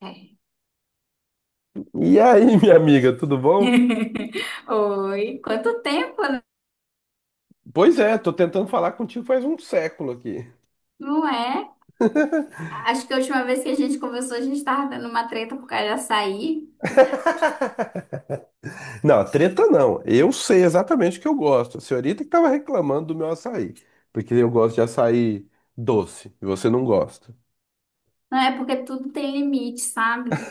É. E aí, minha amiga, tudo bom? Oi, quanto tempo, né? Pois é, tô tentando falar contigo faz um século aqui. Não é? Acho que a última vez que a gente conversou, a gente tava dando uma treta por causa de açaí. Não, treta não. Eu sei exatamente o que eu gosto. A senhorita que tava reclamando do meu açaí, porque eu gosto de açaí doce e você não gosta. Não é porque tudo tem limite, sabe?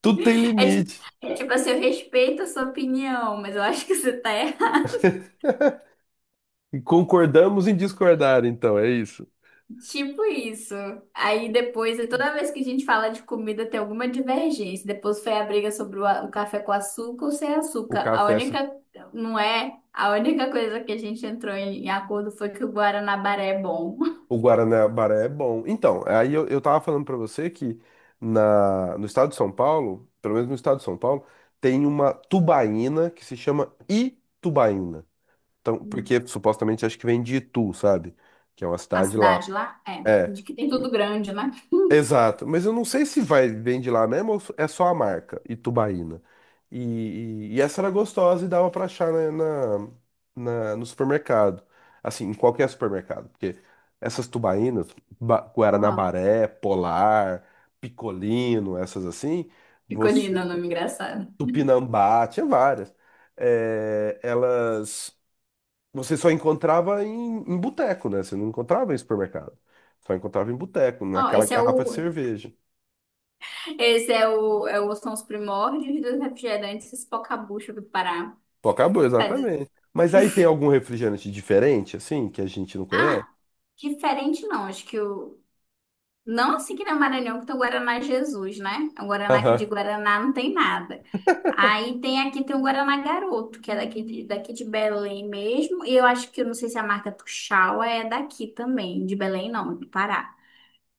Tudo tem É tipo, limite. é tipo assim, eu respeito a sua opinião, mas eu acho que você tá errado. E concordamos em discordar, então, é isso. Tipo isso. Aí depois, toda vez que a gente fala de comida, tem alguma divergência. Depois foi a briga sobre o café com açúcar ou sem O açúcar. A café, única, não é? A única coisa que a gente entrou em acordo foi que o Guaranabaré é bom. o Guaraná-Baré é bom. Então, aí eu tava falando pra você que no estado de São Paulo, pelo menos no estado de São Paulo, tem uma tubaína que se chama Itubaína. Então, porque supostamente acho que vem de Itu, sabe? Que é uma A cidade lá. cidade lá? É. É, De que tem tudo grande, né? exato. Mas eu não sei se vai vem de lá mesmo ou é só a marca, Itubaína. E essa era gostosa e dava pra achar no supermercado. Assim, em qualquer supermercado. Porque essas tubaínas, Aham. Guaranabaré, Polar, Picolino, essas assim, você, Picolina, nome engraçado. Tupinambá, tinha várias. É, elas. Você só encontrava em boteco, né? Você não encontrava em supermercado. Só encontrava em boteco, Ó, naquela esse é garrafa de o. cerveja. Esse é o, é o. São os primórdios dos refrigerantes Espocabucha do Pará. Pô, acabou, Tá de- exatamente. Mas aí tem algum refrigerante diferente, assim, que a gente não conhece? Ah, diferente não. Acho que o. Não, assim, que na Maranhão que tem o Guaraná Jesus, né? O Guaraná aqui de Aham. Guaraná não tem nada. Aí tem aqui tem o Guaraná Garoto, que é daqui de Belém mesmo. E eu acho que eu não sei se a marca Tuxaua é daqui também, de Belém não, é do Pará.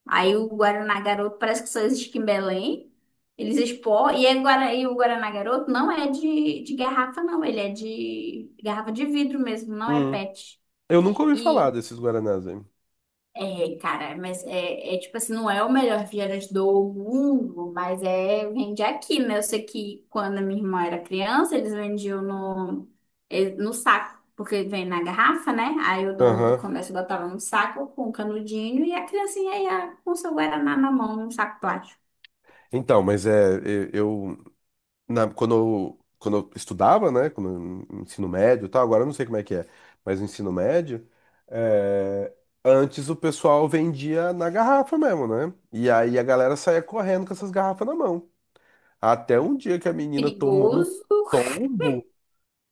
Aí o Guaraná Garoto parece que só existe em Belém. Eles expor E, é Guara- e o Guaraná Garoto não é de garrafa, não. Ele é de garrafa de vidro mesmo, não é Hum. PET. Eu nunca ouvi falar desses Guaranás aí. É, cara, mas é tipo assim, não é o melhor refrigerante do mundo, mas é, vende aqui, né? Eu sei que quando a minha irmã era criança, eles vendiam no saco, porque vem na garrafa, né? Aí o dono do Aham. comércio botava no saco com um canudinho e a criancinha ia com seu guaraná na mão, num saco plástico. Então, mas é, na, quando eu estudava, né? Ensino médio e tal, agora eu não sei como é que é, mas no ensino médio, é, antes o pessoal vendia na garrafa mesmo, né? E aí a galera saía correndo com essas garrafas na mão. Até um dia que a menina tomou um Perigoso. tombo,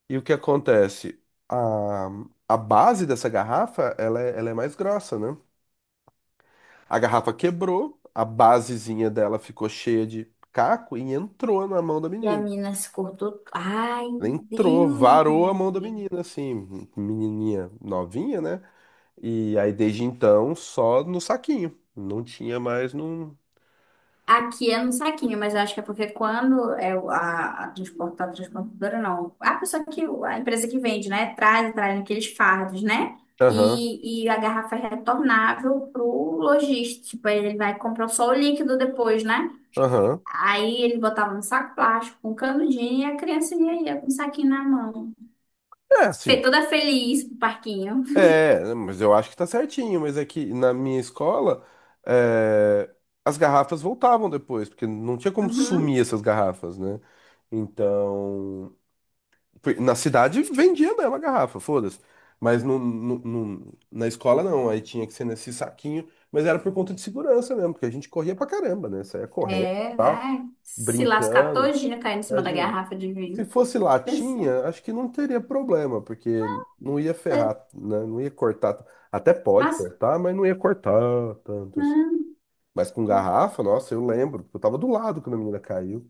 e o que acontece? A, a base dessa garrafa, ela é mais grossa, né? A garrafa quebrou, a basezinha dela ficou cheia de caco e entrou na mão da E a menina. mina se cortou. Ai, Né, entrou, Deus do varou a mão da céu. menina, assim, menininha novinha, né? E aí desde então só no saquinho, não tinha mais no. Aqui é no saquinho, mas eu acho que é porque quando é transportadora não, a empresa que vende, né, traz aqueles fardos, né, Aham, e a garrafa é retornável pro lojista, tipo, aí ele vai comprar só o líquido depois, né, aham. aí ele botava no saco plástico, com um canudinho, e a criancinha ia com o saquinho na mão. É Fei assim, toda feliz pro parquinho. é, mas eu acho que tá certinho, mas é que na minha escola é, as garrafas voltavam depois, porque não tinha como Uhum. sumir essas garrafas, né? Então. Na cidade vendia mesmo a garrafa, foda-se. Mas na escola não, aí tinha que ser nesse saquinho. Mas era por conta de segurança mesmo, porque a gente corria pra caramba, né? Saía correndo e É, tal, ai, se lascar brincando. todinha caindo em cima da Imagina. garrafa de Se vinho. fosse Pensando, latinha, acho que não teria problema, porque não ia ferrar, né? Não ia cortar. Até pode mas... cortar, mas não ia cortar tanto assim. né? Mas com garrafa, nossa, eu lembro, eu tava do lado quando a menina caiu.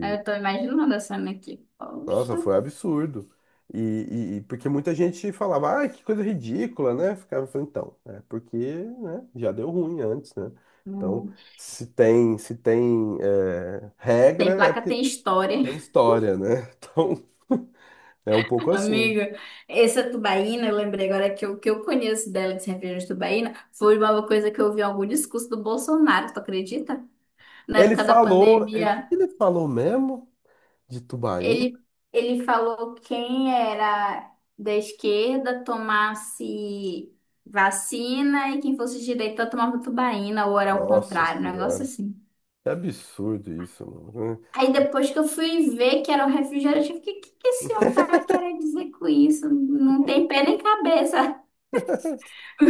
Aí eu tô imaginando a cena aqui. Poxa. nossa, foi absurdo. E porque muita gente falava, ah, que coisa ridícula, né? Ficava falando, então, é porque, né, já deu ruim antes, né? Então, Hum. Se tem é, regra, Tem é placa, porque tem história. tem história, né? Então, é um pouco assim. Amiga, essa tubaína, eu lembrei agora que o que eu conheço dela de cerveja de tubaína foi uma coisa que eu vi em algum discurso do Bolsonaro, tu acredita? Na Ele época da falou, é, o que pandemia, que ele falou mesmo de Tubaína? ele, ele falou quem era da esquerda tomasse vacina e quem fosse de direita tomava tubaína, ou era o Nossa contrário, um negócio Senhora, assim. que absurdo isso, mano. Aí depois que eu fui ver que era um refrigerante, eu fiquei, o que que esse homem tava querendo dizer com isso? Não tem pé nem cabeça o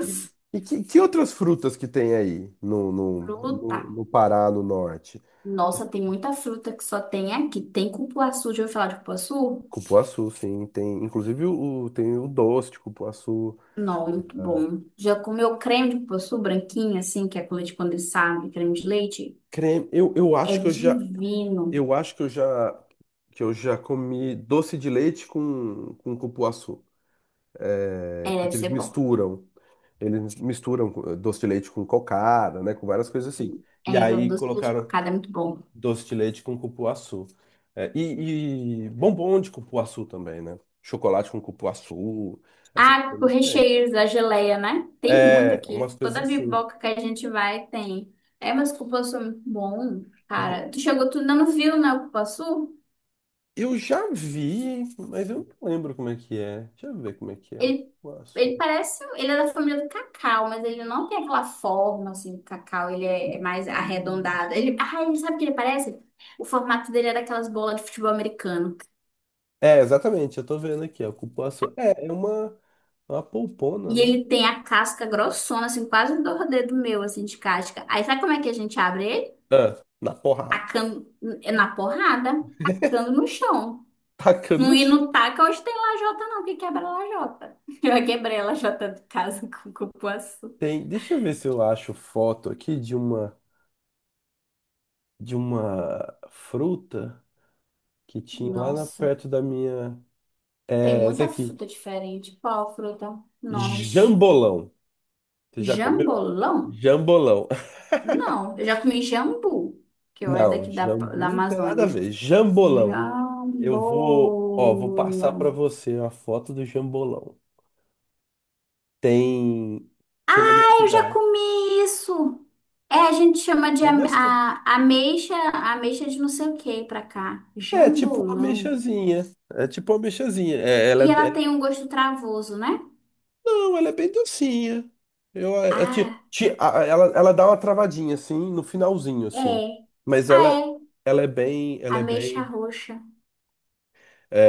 E, e que outras frutas que tem aí Fruta. No Pará, no norte? Nossa, tem muita fruta que só tem aqui. Tem cupuaçu, já ouviu falar de cupuaçu? Cupuaçu, sim. Tem, inclusive o, tem o doce de cupuaçu. Não, muito bom. Já comeu creme de cupuaçu branquinho, assim, que é com leite condensado, e creme de leite? Creme. Eu É acho que eu já, divino. eu acho que eu já comi doce de leite com cupuaçu. É, É, deve porque eles ser bom. misturam. Doce de leite com cocada, né? Com várias coisas assim. É, E o aí doce de leite colocaram. cocada é muito bom. Doce de leite com cupuaçu. É, e bombom de cupuaçu também, né? Chocolate com cupuaçu, essas Ah, o coisas tem. recheio da geleia, né? Tem muito É, umas aqui. Toda coisas assim. biboca que a gente vai tem. É, mas o cupuaçu é muito bom, Bo- cara. Tu chegou, tu ainda não viu, né, o cupuaçu? Eu já vi, mas eu não lembro como é que é. Deixa eu ver como é que é. Ele, ele Cupuaçu. parece, ele é da família do cacau, mas ele não tem aquela forma, assim, do cacau. Ele é mais Cu- arredondado. Ele, ah, ele sabe o que ele parece? O formato dele é daquelas bolas de futebol americano. É, exatamente, eu tô vendo aqui, ó. Cupuaçu. É, é uma polpona, E né? ele tem a casca grossona, assim, quase do dedo meu, assim, de casca. Aí sabe como é que a gente abre ele? Ah, na porrada. Tacando é na porrada, tacando no chão. Tacando Não, no e chão. não taca hoje tem lajota, não, que quebra a lajota. Eu já quebrei a lajota de casa com cupuaçu. Tem, deixa eu ver se eu acho foto aqui de uma fruta. Que tinha lá na Nossa, perto da minha. tem É essa muita aqui. fruta diferente. Qual fruta? Nomes. Jambolão. Você já comeu? Jambolão? Jambolão. Não, eu já comi jambu, que eu é Não, daqui da, jambu da não tem nada a Amazônia. ver. Jambolão. Eu vou, ó, vou passar pra Jambolão. você a foto do jambolão. Tem, tinha na minha Eu já cidade. comi isso. É, a gente chama de É gostoso. Ameixa de não sei o que pra cá. É tipo uma Jambolão. ameixazinha. É tipo uma ameixazinha. É, ela, E ela tem um gosto travoso, né? não, ela é bem docinha. Eu, é, Ah, ela dá uma travadinha, assim, no finalzinho, assim. é. Mas Ah, ela, é. Ela é Ameixa bem... roxa.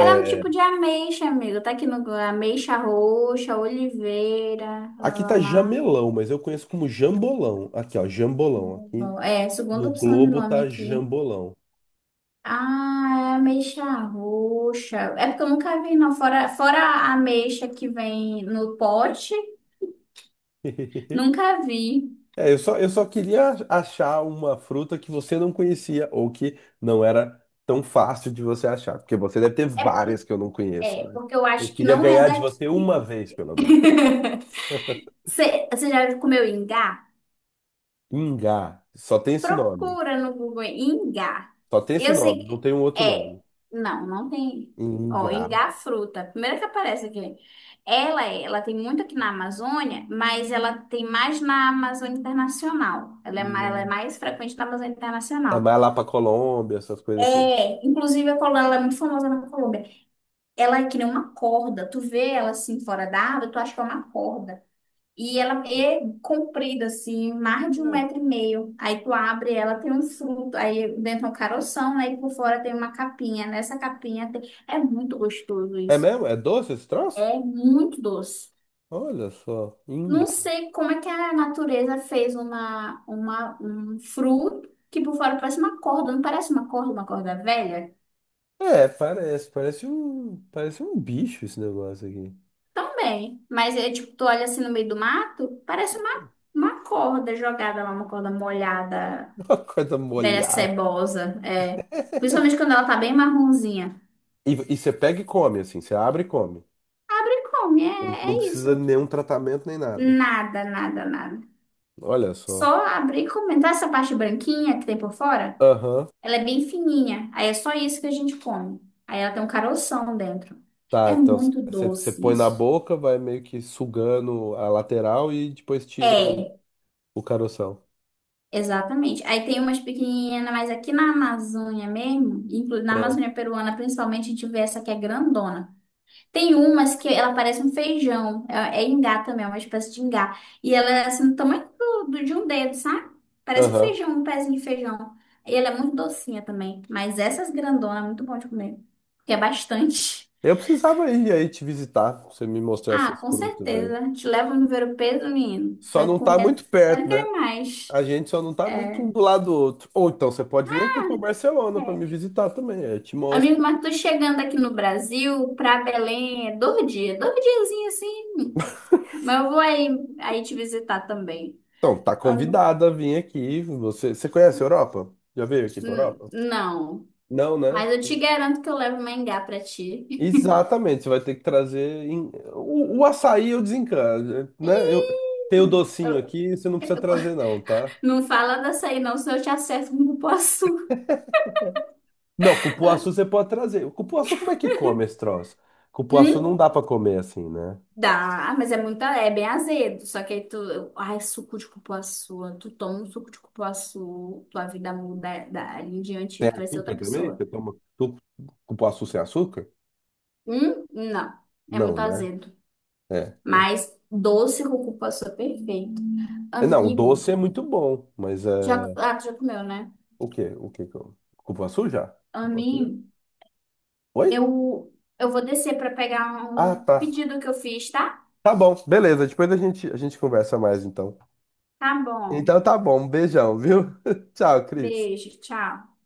Ela é um tipo de ameixa, amigo. Tá aqui no Google. Ameixa roxa, oliveira, lá, aqui lá, tá lá. jamelão, mas eu conheço como jambolão. Aqui, ó, jambolão. Aqui É, segunda no opção de Globo nome tá aqui. jambolão. Ah, é ameixa roxa. É porque eu nunca vi, não. Fora a ameixa que vem no pote. Nunca vi. É, eu só queria achar uma fruta que você não conhecia ou que não era tão fácil de você achar, porque você deve ter É, várias que eu não conheço, é, né? porque eu Eu acho que queria não é ganhar de daqui. você uma vez, pelo menos. Você já comeu ingá? Ingá. Só tem esse nome. Procura no Google ingá. Só tem esse Eu nome, sei não que tem um outro é. nome. Não, não tem. Ó, Ingá. ingá fruta, primeira que aparece aqui. Ela tem muito aqui na Amazônia, mas ela tem mais na Amazônia Internacional. Ela é Não. mais frequente na Amazônia É Internacional. mais lá pra Colômbia, essas coisas assim. É, inclusive a Colômbia, ela é muito famosa na Colômbia. Ela é que nem uma corda. Tu vê ela assim fora da água, tu acha que é uma corda. E ela é comprida, assim, mais de um metro e meio. Aí tu abre ela, tem um fruto, aí dentro é um caroção, né? E por fora tem uma capinha. Nessa capinha tem... é muito gostoso É, é isso. mesmo? É doce esse troço? É muito doce. Olha só. Não Ingá. sei como é que a natureza fez um fruto que por fora parece uma corda, não parece uma corda velha? É, parece. Parece um bicho esse negócio aqui. Também. Mas é tipo, tu olha assim no meio do mato, parece uma corda jogada lá, uma corda molhada. Uma coisa Velha molhada. cebosa, é. Principalmente quando ela tá bem marronzinha. E você pega e come, assim. Você abre e come. Abre e come, Não, é, não é isso. precisa de nenhum tratamento nem nada. Nada, nada, nada. Olha só. Só abrir e comer. Tá essa parte branquinha que tem por fora? Aham. Ela é bem fininha. Aí é só isso que a gente come. Aí ela tem um caroção dentro. Tá, É então muito você doce põe na isso. boca, vai meio que sugando a lateral e depois tira É, o caroção. exatamente. Aí tem umas pequenininhas, mas aqui na Amazônia mesmo, inclu- na Ah, Amazônia peruana principalmente, a gente vê essa que é grandona. Tem umas que ela parece um feijão. É, é ingá também, é uma espécie de ingá. E ela é assim, do tamanho de um dedo, sabe? Parece um aham. feijão, um pezinho de feijão. E ela é muito docinha também. Mas essas grandonas é muito bom de comer. Porque é bastante. Eu precisava ir aí te visitar, pra você me mostrar Ah, essas com frutas aí. certeza. Te leva no ver o peso, menino. Só Vai não tá comer muito até perto, né? querer mais. A gente só não tá É. muito um É. do lado do outro. Ou então você pode vir aqui pra Barcelona pra me visitar também, aí eu te mostro. Amigo, mas tô chegando aqui no Brasil, pra Belém, é dois dias. Dois diazinhos assim. Mas eu vou aí, aí te visitar também. Então, tá convidada a vir aqui. Você conhece a Europa? Já veio aqui pra Europa? Não, Não, né? mas eu te garanto que eu levo mangá pra ti. Exatamente, você vai ter que trazer. O açaí eu desencano, Ih, né? Eu tenho o Eu- docinho eu- aqui, você não precisa trazer, não, tá? Não fala dessa aí não, senão eu te acerto com o cupuaçu. Não, cupuaçu você pode trazer. O Cupuaçu, como é que come esse troço? Cupuaçu não Hum? dá pra comer assim, né? Dá, mas é muito, é bem azedo. Só que aí tu, eu- ai, suco de cupuaçu, tu toma um suco de cupuaçu, tua vida muda dali em diante, tu vai ser outra Açúcar também? pessoa. Cupuaçu sem açúcar? Hum? Não, é Não, muito né? azedo. É. Mas doce com cupuaçu é perfeito. É, não, o doce é Amigo, muito bom, mas já, é. ah, tu já comeu, né? O quê? O quê que eu. Cupuaçu já? Cupuaçu já? Amigo. Oi? Eu, eu vou descer para pegar Ah, um tá. pedido que eu fiz, tá? Tá bom, beleza. Depois a gente conversa mais então. Tá bom. Então tá bom, um beijão, viu? Tchau, Cris. Beijo, tchau.